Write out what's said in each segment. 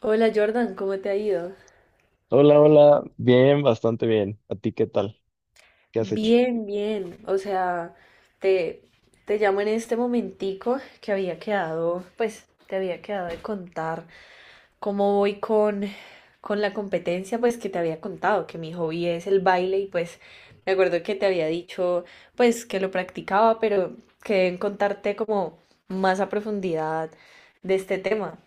Hola Jordan, ¿cómo te ha ido? Hola, hola, bien, bastante bien. ¿A ti qué tal? ¿Qué has hecho? Bien, bien. O sea, te, te llamo en este momentico que había quedado, pues te había quedado de contar cómo voy con la competencia, pues que te había contado, que mi hobby es el baile y pues me acuerdo que te había dicho, pues que lo practicaba, pero quedé en contarte como más a profundidad de este tema.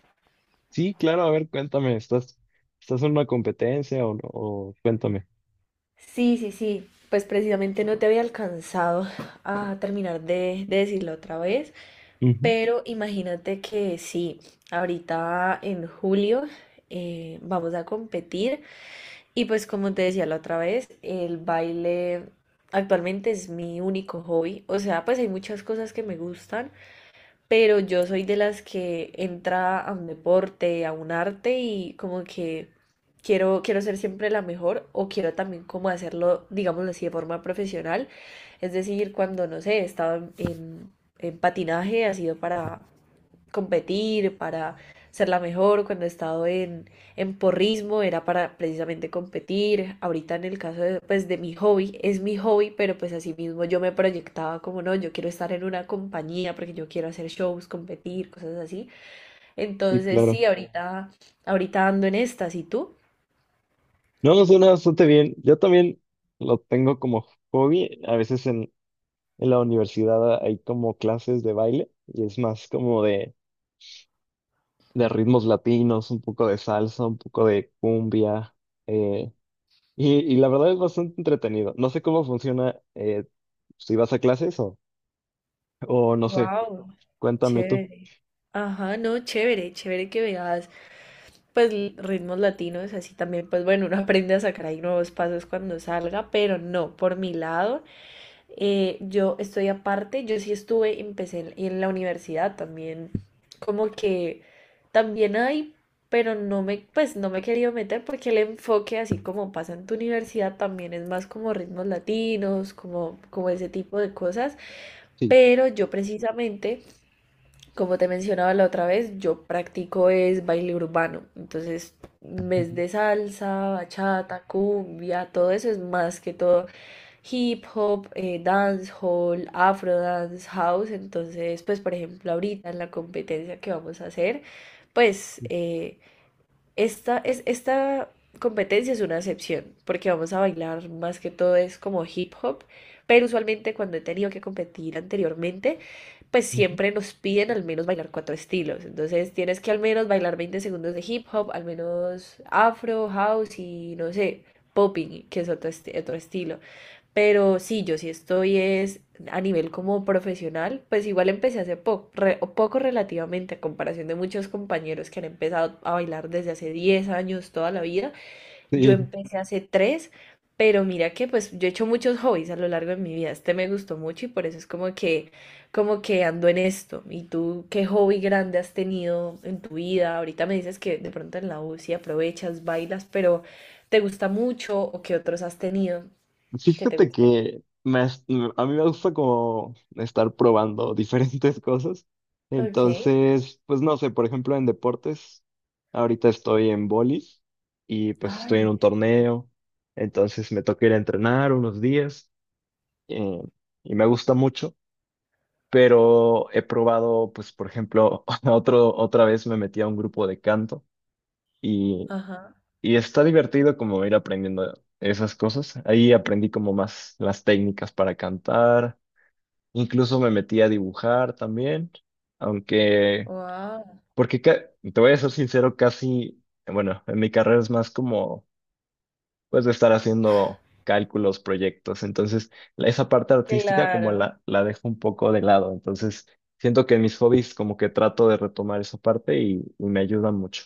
Sí, claro, a ver, cuéntame, ¿estás, estás en una competencia o no? O cuéntame. Sí, sí, sí. Pues precisamente no te había alcanzado a terminar de decirlo otra vez. Ujú. Pero imagínate que sí, ahorita en julio vamos a competir y pues como te decía la otra vez, el baile actualmente es mi único hobby. O sea, pues hay muchas cosas que me gustan, pero yo soy de las que entra a un deporte, a un arte y como que quiero ser siempre la mejor o quiero también como hacerlo, digámoslo así, de forma profesional. Es decir, cuando, no sé, he estado en patinaje, ha sido para competir, para ser la mejor. Cuando he estado en porrismo era para precisamente competir. Ahorita en el caso de, pues, de mi hobby, es mi hobby, pero pues así mismo yo me proyectaba como no, yo quiero estar en una compañía porque yo quiero hacer shows, competir, cosas así. Sí, Entonces claro. sí, ahorita ando en estas. ¿Y tú? No, suena bastante bien. Yo también lo tengo como hobby. A veces en la universidad hay como clases de baile y es más como de ritmos latinos, un poco de salsa, un poco de cumbia. eh, y la verdad es bastante entretenido. No sé cómo funciona si vas a clases o no sé. Wow, Cuéntame tú. chévere. Ajá, no, chévere, chévere que veas pues ritmos latinos, así también, pues bueno, uno aprende a sacar ahí nuevos pasos cuando salga, pero no, por mi lado, yo estoy aparte, yo sí estuve, empecé en la universidad también, como que también hay, pero no me, pues no me he querido meter porque el enfoque, así como pasa en tu universidad, también es más como ritmos latinos, como, como ese tipo de cosas, Sí. pero yo precisamente... Como te mencionaba la otra vez, yo practico es baile urbano. Entonces, en vez Ujú, de salsa, bachata, cumbia, todo eso es más que todo hip hop, dancehall, afro dance, house. Entonces, pues por ejemplo, ahorita en la competencia que vamos a hacer, pues eh, esta competencia es una excepción, porque vamos a bailar más que todo es como hip hop, pero usualmente cuando he tenido que competir anteriormente, pues ujú. siempre nos piden al menos bailar cuatro estilos. Entonces tienes que al menos bailar 20 segundos de hip hop, al menos afro, house y no sé, popping, que es otro estilo. Pero sí, yo sí estoy es a nivel como profesional, pues igual empecé hace poco relativamente a comparación de muchos compañeros que han empezado a bailar desde hace 10 años, toda la vida. Yo empecé hace 3, pero mira que pues yo he hecho muchos hobbies a lo largo de mi vida. Este me gustó mucho y por eso es como que ando en esto. ¿Y tú qué hobby grande has tenido en tu vida? Ahorita me dices que de pronto en la U sí aprovechas, bailas, pero ¿te gusta mucho o qué otros has tenido Sí, que te fíjate gusten? que a mí me gusta como estar probando diferentes cosas. Ok. Entonces, pues no sé, por ejemplo, en deportes, ahorita estoy en bolis y pues estoy en un Ay, súper. torneo. Entonces me toca ir a entrenar unos días eh, y me gusta mucho, pero he probado, pues por ejemplo, otra vez me metí a un grupo de canto. Ajá. Y está divertido como ir aprendiendo esas cosas. Ahí aprendí como más las técnicas para cantar. Incluso me metí a dibujar también. Aunque, Wow. Te voy a ser sincero, casi, bueno, en mi carrera es más como, pues, de estar haciendo cálculos, proyectos. Entonces, esa parte artística como Claro. La dejo un poco de lado. Entonces, siento que en mis hobbies como que trato de retomar esa parte y me ayuda mucho.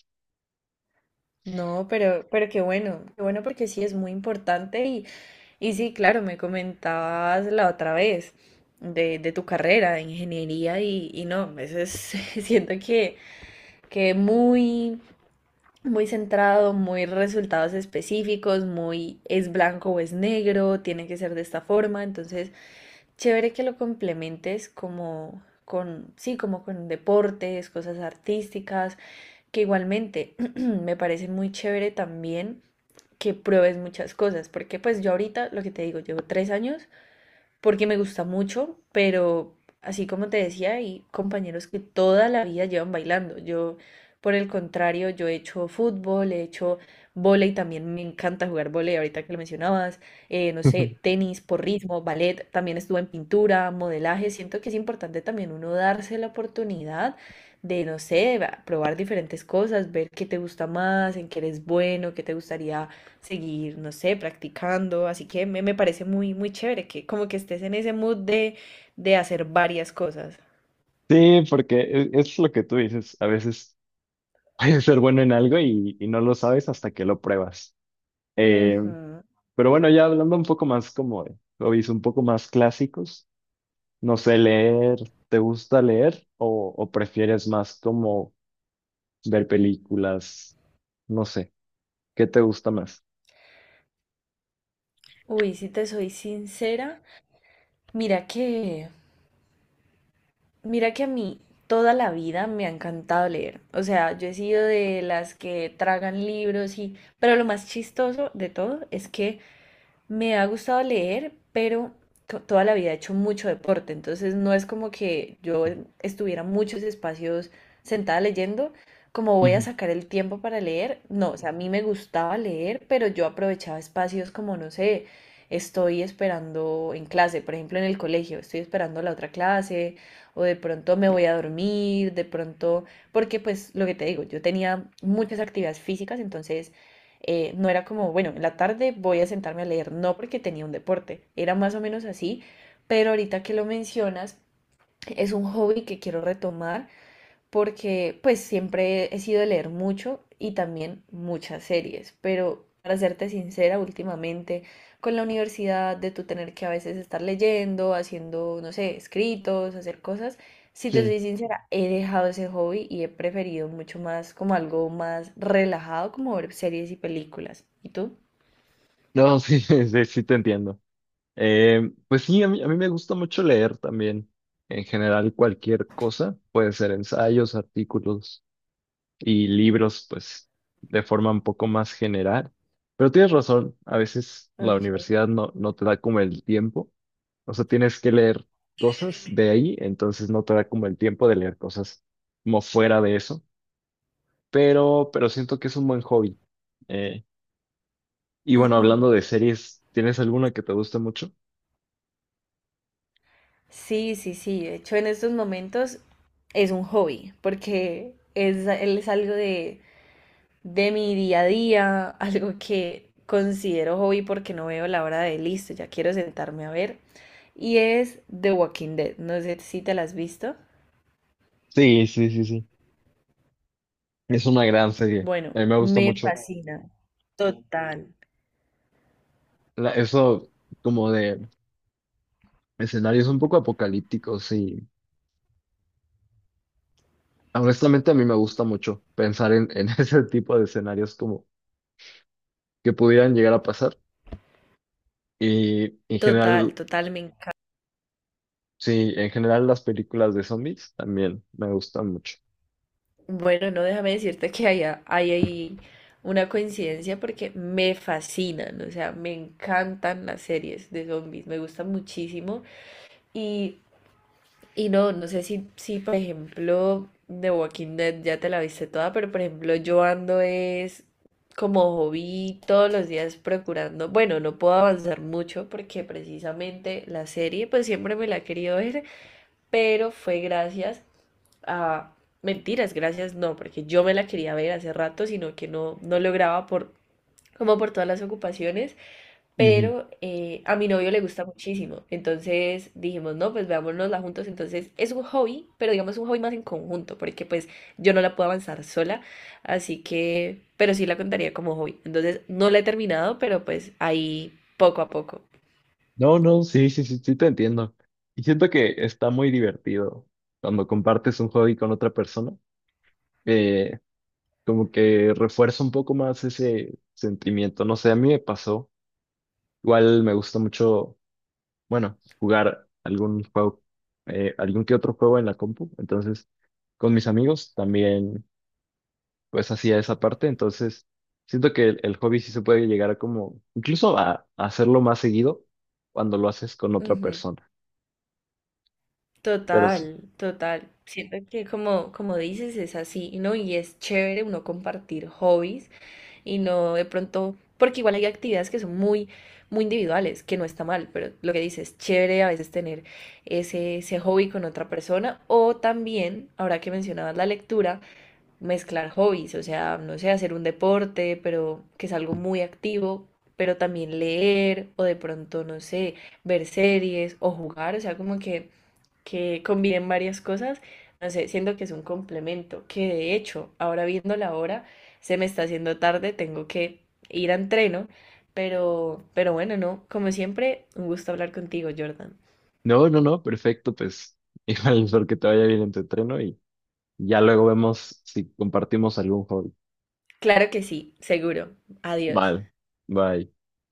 No, pero qué bueno porque sí es muy importante y sí, claro, me comentabas la otra vez de tu carrera de ingeniería y no, a veces siento que muy, muy centrado, muy resultados específicos, muy es blanco o es negro, tiene que ser de esta forma, entonces chévere que lo complementes como con, sí, como con deportes, cosas artísticas, que igualmente me parece muy chévere también que pruebes muchas cosas, porque pues yo ahorita, lo que te digo, llevo 3 años porque me gusta mucho, pero así como te decía, hay compañeros que toda la vida llevan bailando. Yo, por el contrario, yo he hecho fútbol, he hecho vóley, también me encanta jugar vóley, ahorita que lo mencionabas, no sé, tenis, porrismo, ballet, también estuve en pintura, modelaje. Siento que es importante también uno darse la oportunidad de, no sé, probar diferentes cosas, ver qué te gusta más, en qué eres bueno, qué te gustaría seguir, no sé, practicando. Así que me parece muy, muy chévere que como que estés en ese mood de hacer varias cosas. Sí, porque es lo que tú dices. A veces puedes ser bueno en algo y no lo sabes hasta que lo pruebas. Eh, Ujú. pero bueno, ya hablando un poco más como de hobbies, un poco más clásicos, no sé, leer, ¿te gusta leer o prefieres más como ver películas? No sé, ¿qué te gusta más? Uy, si te soy sincera, mira que, mira que a mí toda la vida me ha encantado leer. O sea, yo he sido de las que tragan libros y, pero lo más chistoso de todo es que me ha gustado leer, pero toda la vida he hecho mucho deporte, entonces no es como que yo estuviera muchos espacios sentada leyendo, como voy a Ujú. sacar el tiempo para leer, no, o sea, a mí me gustaba leer, pero yo aprovechaba espacios como, no sé, estoy esperando en clase, por ejemplo, en el colegio, estoy esperando la otra clase, o de pronto me voy a dormir, de pronto, porque pues lo que te digo, yo tenía muchas actividades físicas, entonces no era como, bueno, en la tarde voy a sentarme a leer, no porque tenía un deporte, era más o menos así, pero ahorita que lo mencionas, es un hobby que quiero retomar porque pues siempre he sido de leer mucho y también muchas series, pero para serte sincera, últimamente con la universidad de tú tener que a veces estar leyendo, haciendo, no sé, escritos, hacer cosas, si te Sí. soy sincera, he dejado ese hobby y he preferido mucho más como algo más relajado, como ver series y películas. ¿Y tú? No, sí, sí, sí te entiendo. Pues sí, a mí me gusta mucho leer también. En general, cualquier cosa, puede ser ensayos, artículos y libros, pues, de forma un poco más general. Pero tienes razón, a veces la Okay. universidad no, no te da como el tiempo, o sea, tienes que leer cosas de ahí, entonces no te da como el tiempo de leer cosas como fuera de eso, pero siento que es un buen hobby. Eh, y bueno, hablando de series, ¿tienes alguna que te guste mucho? Sí, sí, sí. De hecho, en estos momentos es un hobby, porque es algo de mi día a día, algo que considero hobby porque no veo la hora de listo, ya quiero sentarme a ver, y es The Walking Dead. No sé si te la has visto. Sí, sí, sí, sí. Es una gran serie. Bueno, A mí me gusta me mucho fascina. Total, eso como de escenarios un poco apocalípticos y honestamente, a mí me gusta mucho pensar en ese tipo de escenarios como que pudieran llegar a pasar. Y en total, general, total, me encanta. sí, en general las películas de zombies también me gustan mucho. Bueno, no déjame decirte que hay ahí una coincidencia porque me fascinan, o sea, me encantan las series de zombies, me gustan muchísimo. Y y no, no sé si, si por ejemplo, The Walking Dead ya te la viste toda, pero por ejemplo, yo ando es como hobby todos los días procurando. Bueno, no puedo avanzar mucho porque precisamente la serie, pues siempre me la he querido ver, pero fue gracias a. Mentiras, gracias, no, porque yo me la quería ver hace rato, sino que no, no lograba por, como por todas las ocupaciones. Ujú. Pero a mi novio le gusta muchísimo. Entonces dijimos, no, pues veámonosla juntos. Entonces es un hobby, pero digamos un hobby más en conjunto, porque pues yo no la puedo avanzar sola. Así que, pero sí la contaría como hobby. Entonces no la he terminado, pero pues ahí poco a poco. No, no, sí, sí, sí, sí te entiendo. Y siento que está muy divertido cuando compartes un hobby con otra persona. eh, Como que refuerza un poco más ese sentimiento. No sé, a mí me pasó. Igual me gusta mucho. Bueno, jugar algún juego, algún que otro juego en la compu. Entonces, con mis amigos también, pues hacía esa parte. Entonces, siento que el hobby sí se puede llegar a como, incluso a hacerlo más seguido cuando lo haces con otra Ujú. persona. Pero sí. Total, total. Siento que como, como dices, es así, ¿no? Y es chévere uno compartir hobbies y no de pronto, porque igual hay actividades que son muy, muy individuales, que no está mal, pero lo que dices, chévere a veces tener ese hobby con otra persona o también, ahora que mencionabas la lectura, mezclar hobbies, o sea, no sé, hacer un deporte, pero que es algo muy activo, pero también leer o de pronto, no sé, ver series o jugar, o sea, como que combinen varias cosas, no sé, siento que es un complemento, que de hecho, ahora viendo la hora, se me está haciendo tarde, tengo que ir a entreno, pero bueno, no, como siempre, un gusto hablar contigo, Jordan. No, no, no, perfecto, pues igual espero que te vaya bien en tu entreno y ya luego vemos si compartimos algún hobby. Claro que sí, seguro. Adiós. Vale, bye.